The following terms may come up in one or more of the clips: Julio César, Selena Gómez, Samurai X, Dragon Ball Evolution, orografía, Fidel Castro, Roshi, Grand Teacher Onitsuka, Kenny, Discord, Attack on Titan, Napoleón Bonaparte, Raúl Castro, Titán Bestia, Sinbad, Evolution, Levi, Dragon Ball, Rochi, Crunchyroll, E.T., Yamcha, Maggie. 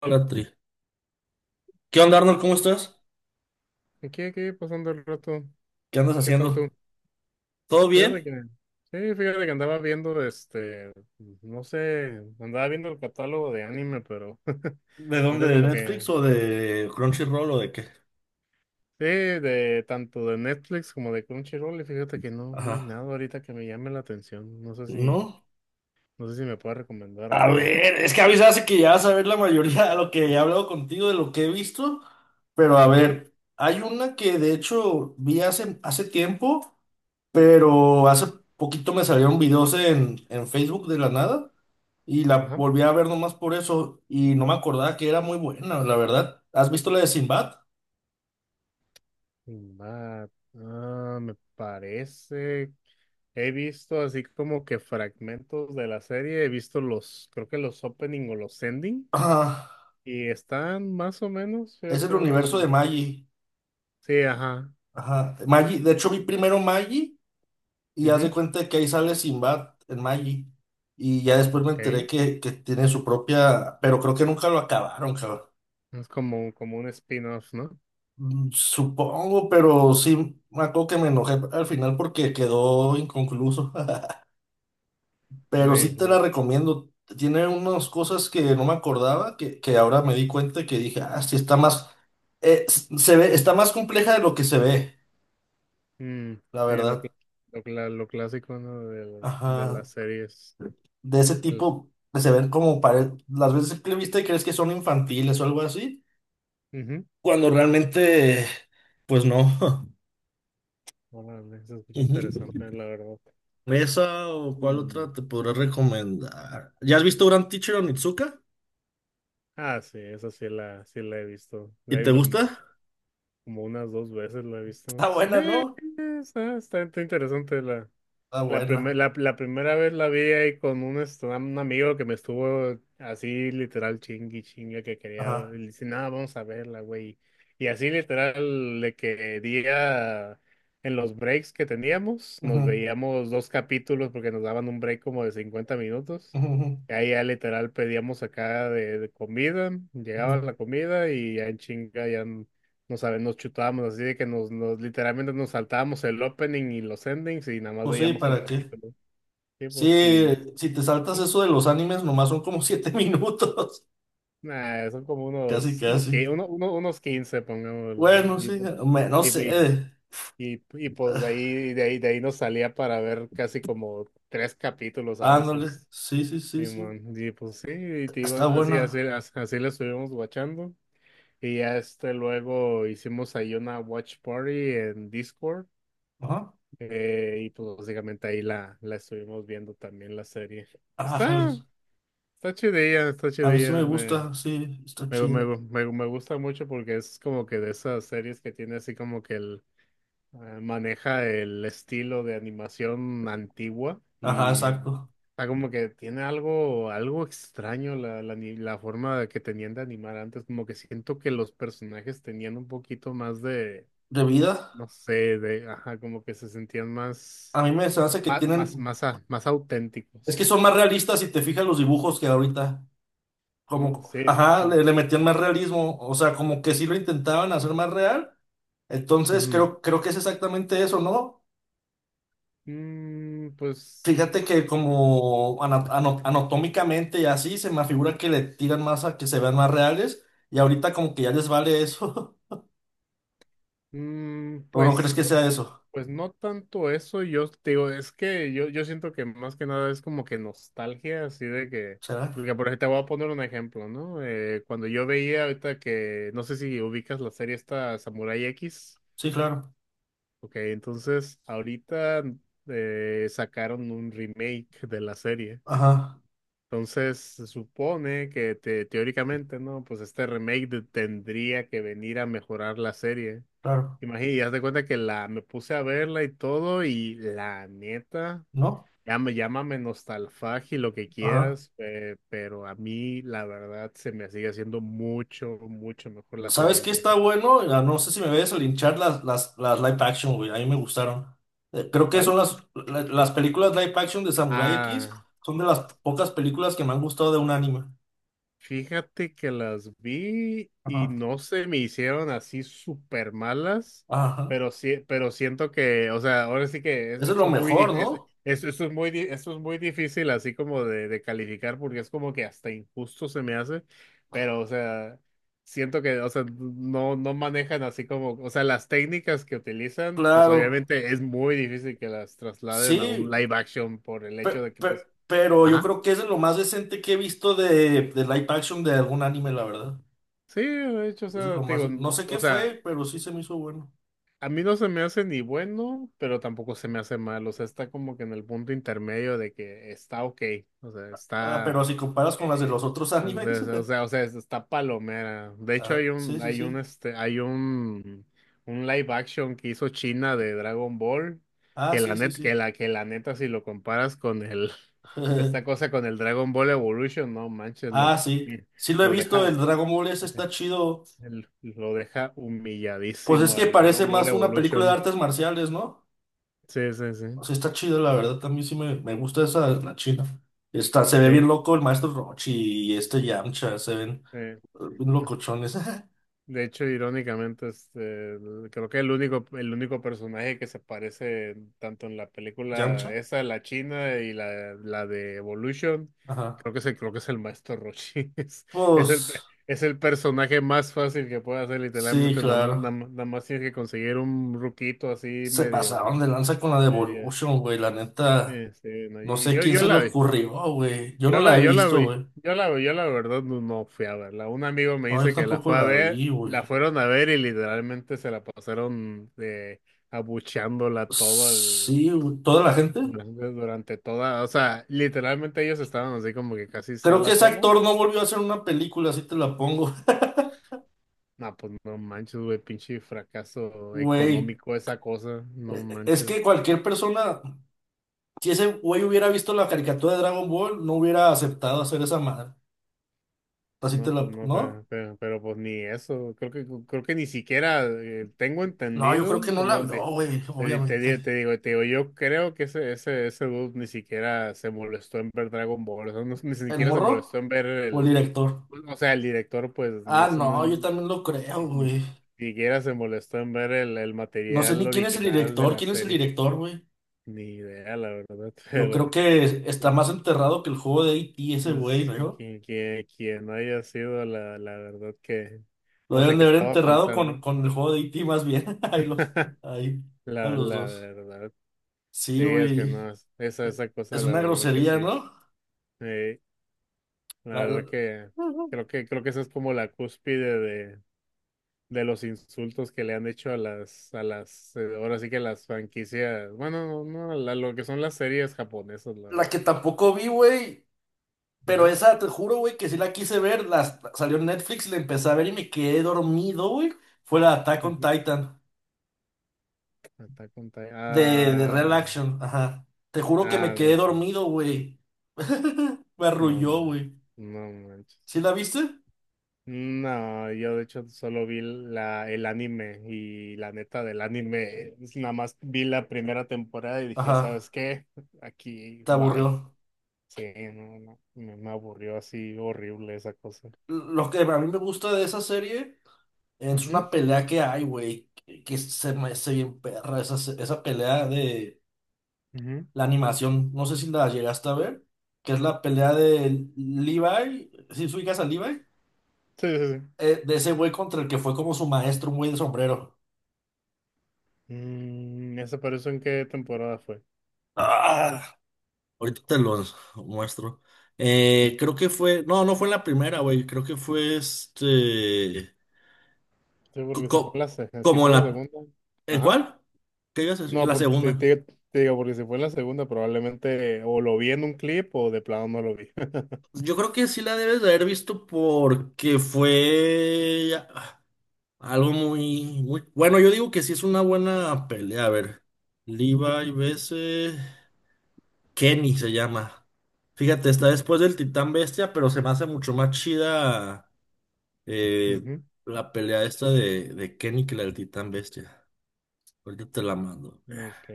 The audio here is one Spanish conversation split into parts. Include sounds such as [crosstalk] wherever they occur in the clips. Hola, Tri. ¿Qué onda, Arnold? ¿Cómo estás? Aquí, pasando el rato. ¿Qué andas ¿Qué tal tú? haciendo? ¿Todo Fíjate bien? que, sí, fíjate que andaba viendo, no sé, andaba viendo el catálogo de anime, pero [laughs] ¿De dónde? ahorita ¿De como que, Netflix o de Crunchyroll o de qué? sí, de tanto de Netflix como de Crunchyroll, y fíjate que no hay Ajá. nada ahorita que me llame la atención. ¿No? No sé si me puedes recomendar A algo. ver, es que a mí se hace que ya vas a ver la mayoría de lo que he hablado contigo, de lo que he visto. Pero a Ajá, ver, hay una que de hecho vi hace tiempo, pero hace poquito me salieron videos en Facebook de la nada y la ajá. volví a ver nomás por eso y no me acordaba que era muy buena, la verdad. ¿Has visto la de Sinbad? Sinbad. Ah, me parece. He visto así como que fragmentos de la serie. He visto creo que los opening o los ending. Ajá. Y están más o menos, Es fíjate. el universo de Maggie. Sí, ajá. Ajá. Maggie, de hecho vi primero Maggie y haz de Ujú. cuenta que ahí sale Sinbad en Maggie. Y ya después me Ok. enteré que tiene su propia, pero creo que nunca lo acabaron, cabrón. Es como un spin-off, ¿no? Supongo, pero sí, me acuerdo que me enojé al final porque quedó inconcluso. [laughs] Pero Sí, sí te la lo, recomiendo. Tiene unas cosas que no me acordaba, que ahora me di cuenta que dije, ah, sí está más, se ve, está más compleja de lo que se ve, mm, la sí, lo, cl- verdad. lo, cla- lo clásico, ¿no? De Ajá. las series. De ese El, tipo que se ven como las veces que le viste crees que son infantiles o algo así, ujú. cuando realmente, pues no. [laughs] Órale, se escucha interesante, Ujú. la verdad. ¿Esa o cuál otra Mm. te podré recomendar? ¿Ya has visto Grand Teacher Onitsuka? Ah, sí, sí la he visto. ¿Y te gusta? Como unas dos veces, la he visto. Está Sí, buena, ¿no? Está interesante Está buena. La primera vez la vi ahí con un, un amigo que me estuvo así literal chingui chingue que quería, Ajá. y le dice, nada, vamos a verla, güey. Y así literal le quería, en los breaks que teníamos, nos Ujú, veíamos dos capítulos porque nos daban un break como de 50 minutos. ujú, ujú, Y ahí ya literal pedíamos acá de comida, ujú. llegaba la comida y ya en chinga ya, no sabe, nos chutábamos así de que nos literalmente nos saltábamos el opening y los endings y nada más Pues sí, veíamos el ¿para qué? capítulo. Sí, Sí, pues sí. si te saltas Sí. eso de los animes, nomás son como siete [laughs] minutos. Nah, son como Casi, unos, unos, casi. qui- uno, uno- unos 15 pongámosle. Bueno, sí, no y, y, sé. y, pues de ahí nos salía para ver casi como tres capítulos a Ándale, veces. sí, sí, sí, sí. Simón. Y, pues sí, y te digo, Está así, así, buena. así, así le estuvimos watchando. Y ya este luego hicimos ahí una watch party en Discord. Ajá. Y pues básicamente ahí la estuvimos viendo también la serie. Ajá, Está, está chidilla, está a mí sí me chidilla. Gusta, sí, está chido. Me gusta mucho porque es como que de esas series que tiene así como que el, maneja el estilo de animación antigua Ajá, y exacto. está como que tiene algo, algo extraño la, la, ni- la forma de que tenían de animar antes. Como que siento que los personajes tenían un poquito más de, ¿De vida? no sé, de, ajá, como que se sentían A mí me se hace que tienen. Más Es que auténticos. son más realistas si te fijas los dibujos que ahorita. No Como, sé. ajá, Mm, le metían más realismo. O sea, como que sí lo intentaban hacer más real. Entonces ujú. Creo que es exactamente eso, ¿no? Mm, pues, Fíjate que como anatómicamente y así se me figura que le tiran más a que se vean más reales. Y ahorita como que ya les vale eso. [laughs] ¿O no crees que sea no, eso? pues no tanto eso. Yo te digo, es que yo siento que más que nada es como que nostalgia, así de que, ¿Será? porque por ejemplo, te voy a poner un ejemplo, ¿no? Cuando yo veía ahorita que, no sé si ubicas la serie esta Samurai X. Sí, claro. Ok, entonces ahorita sacaron un remake de la serie. Ajá, Entonces, se supone que teóricamente, ¿no? Pues este remake tendría que venir a mejorar la serie. claro. Imagínate, y haz de cuenta que la me puse a verla y todo, y la neta, ¿No? ya me llámame nostalfagia y lo que Ajá. quieras, pero a mí, la verdad, se me sigue haciendo mucho, mucho mejor la ¿Sabes serie qué está vieja. bueno? Ah, no sé si me ves a linchar las live action, güey. A mí me gustaron. Creo que son ¿Cuál? Las películas live action de Samurai X. Ah. Son de las pocas películas que me han gustado de un anime. Fíjate que las vi y Ajá. no se me hicieron así súper malas, Ajá. pero sí, pero siento que, o sea, ahora sí que es- Eso es lo esto es muy, mejor, dif- ¿no? es- esto es muy, di- esto es muy difícil así como de calificar porque es como que hasta injusto se me hace, pero o sea, siento que, o sea, no manejan así como, o sea, las técnicas que utilizan, pues Claro. obviamente es muy difícil que las trasladen a un Sí. live action por el pe- hecho de que, pues, pero yo ajá. creo que eso es lo más decente que he visto de live action de algún anime, la verdad. Sí, de hecho, o Eso es sea, lo te más. digo, No sé qué o sea, fue, pero sí se me hizo bueno. a mí no se me hace ni bueno, pero tampoco se me hace mal. O sea, está como que en el punto intermedio de que está ok. O sea, Ah, está. pero si comparas con las de Eh, los otros animes. [laughs] Está palomera. De hecho, Ah, sí, sí, sí. Hay un live action que hizo China de Dragon Ball. Ah, sí, sí, sí. Que la neta, si lo comparas con el, [laughs] esta [laughs] cosa con el Dragon Ball Evolution, no manches, Ah, sí. Sí lo he lo visto, el deja, Dragon Ball ese está chido. Lo deja Pues es humilladísimo que al parece Dragon Ball más una película de Evolution. artes marciales, ¿no? Sí, sí, sí. O sea, está chido, la verdad. También sí me gusta esa, la china. Está, se ve bien Sí, loco el maestro Rochi y este Yamcha. Se ven sí. Bien locochones. De hecho, irónicamente, creo que el único personaje que se parece tanto en la [laughs] película ¿Yamcha? esa, la china y la de Evolution, Ajá. creo que creo que es el maestro Roshi. [laughs] Es Pues el, es el personaje más fácil que puede hacer, sí, literalmente, claro. Nada más tienes que conseguir un ruquito así Se medio, pasaron de lanza con la de medio. Evolution, güey, la neta. Sí, sí, no, No y sé yo, quién yo se le la vi. ocurrió, güey. Yo no la he Yo la visto, vi, güey. Yo la verdad no fui a verla. Un amigo me No, yo dice que la tampoco fue a la vi, ver, la güey. fueron a ver y literalmente se la pasaron de abucheándola Sí, güey. Toda la gente. durante, durante toda, o sea, literalmente ellos estaban así como que casi Creo que sala ese sola. actor no volvió a hacer una película, así te la pongo. [laughs] No, pues no manches, güey, pinche fracaso Güey, económico esa cosa, no es manches. que cualquier persona, si ese güey hubiera visto la caricatura de Dragon Ball, no hubiera aceptado hacer esa madre. Así te No, pues la... no, ¿No? Pero, pues ni eso. Creo que ni siquiera tengo No, yo entendido. creo que no la No, vio, de, güey, obviamente. Te digo, yo creo que ese dude ni siquiera se molestó en ver Dragon Ball. O sea, ni ¿El siquiera se molestó morro en ver o el el, director? o sea, el director, pues, no Ah, sé, no, yo ni, también lo creo, ni güey. siquiera se molestó en ver el No sé material ni quién es el original de director, la quién es el serie. director, güey. Ni idea, la verdad, [laughs] Yo creo pero. que está más enterrado que el juego de E.T. ese güey, Pues, ¿no? Quien no haya sido, la verdad que Lo no sé deben de qué haber estaba enterrado pensando. con el juego de E.T. más bien. [laughs] Ahí los, [laughs] ahí, a La, los la dos. verdad. Sí, Sí, es que güey. no, es- esa cosa, Es la una verdad que grosería, sí. ¿no? Eh, la La, la- verdad que creo que esa es como la cúspide de los insultos que le han hecho a a las, ahora sí que a las franquicias, bueno, no, la- lo que son las series japonesas, la la que verdad. tampoco vi, güey. Pero Ujú, esa, te juro, güey, que sí la quise ver. Las salió en Netflix, la empecé a ver y me quedé dormido, güey. Fue la Attack on ujú. Titan Attack on Titan. De Real Ah, Action. Ajá. Te juro que me ah, quedé no sé. dormido, güey. [laughs] Me No, arrulló, man. güey. No manches. ¿Sí la viste? No, yo de hecho solo vi el anime y la neta del anime, es nada más vi la primera temporada y dije, Ajá, ¿sabes qué? Aquí, te bye. aburrió. Sí, no, me aburrió así horrible esa cosa. Lo que a mí me gusta de esa serie es Ujú, una pelea que hay, güey, que se me hace bien perra esa, esa pelea de ujú. la animación. No sé si la llegaste a ver, que es la pelea de Levi, si ¿sí ubicas a Levi, Sí, sí, sí. De ese güey contra el que fue como su maestro, un güey de sombrero. Mm, ¿esa pero en qué temporada fue? Ah, ahorita te los muestro. Creo que fue, no, no fue en la primera, güey, creo que fue este, Sí, co- porque co- si como fue en la la... segunda. ¿En Ajá. cuál? ¿Qué ibas a decir? En No, la porque segunda. Te digo, porque si fue en la segunda probablemente o lo vi en un clip o de plano no lo vi. Yo creo que sí la debes de haber visto porque fue algo muy, muy... Bueno, yo digo que sí es una buena pelea. A ver, Levi vs. Kenny se llama. Fíjate, está después del Titán Bestia, pero se me hace mucho más chida eh, [laughs] la pelea esta de Kenny que la del Titán Bestia. Ahorita te la mando. Ok,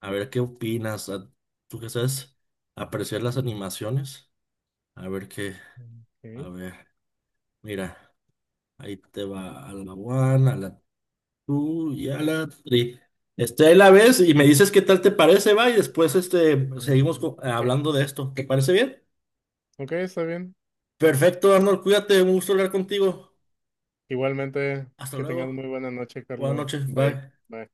A ver qué opinas. ¿Tú qué sabes? Apreciar las animaciones. A ver qué. A ok, ver, mira, ahí te va a la one, a la two y a la three. Este, ahí la ves y me dices qué tal te parece, va, y después este, ok, seguimos ok, hablando de esto. ¿Te parece bien? ok, está bien. Perfecto, Arnold, cuídate, un gusto hablar contigo. Igualmente, Hasta que tengas luego. muy buena noche, Buenas Carlos. noches, Bye, bye. bye.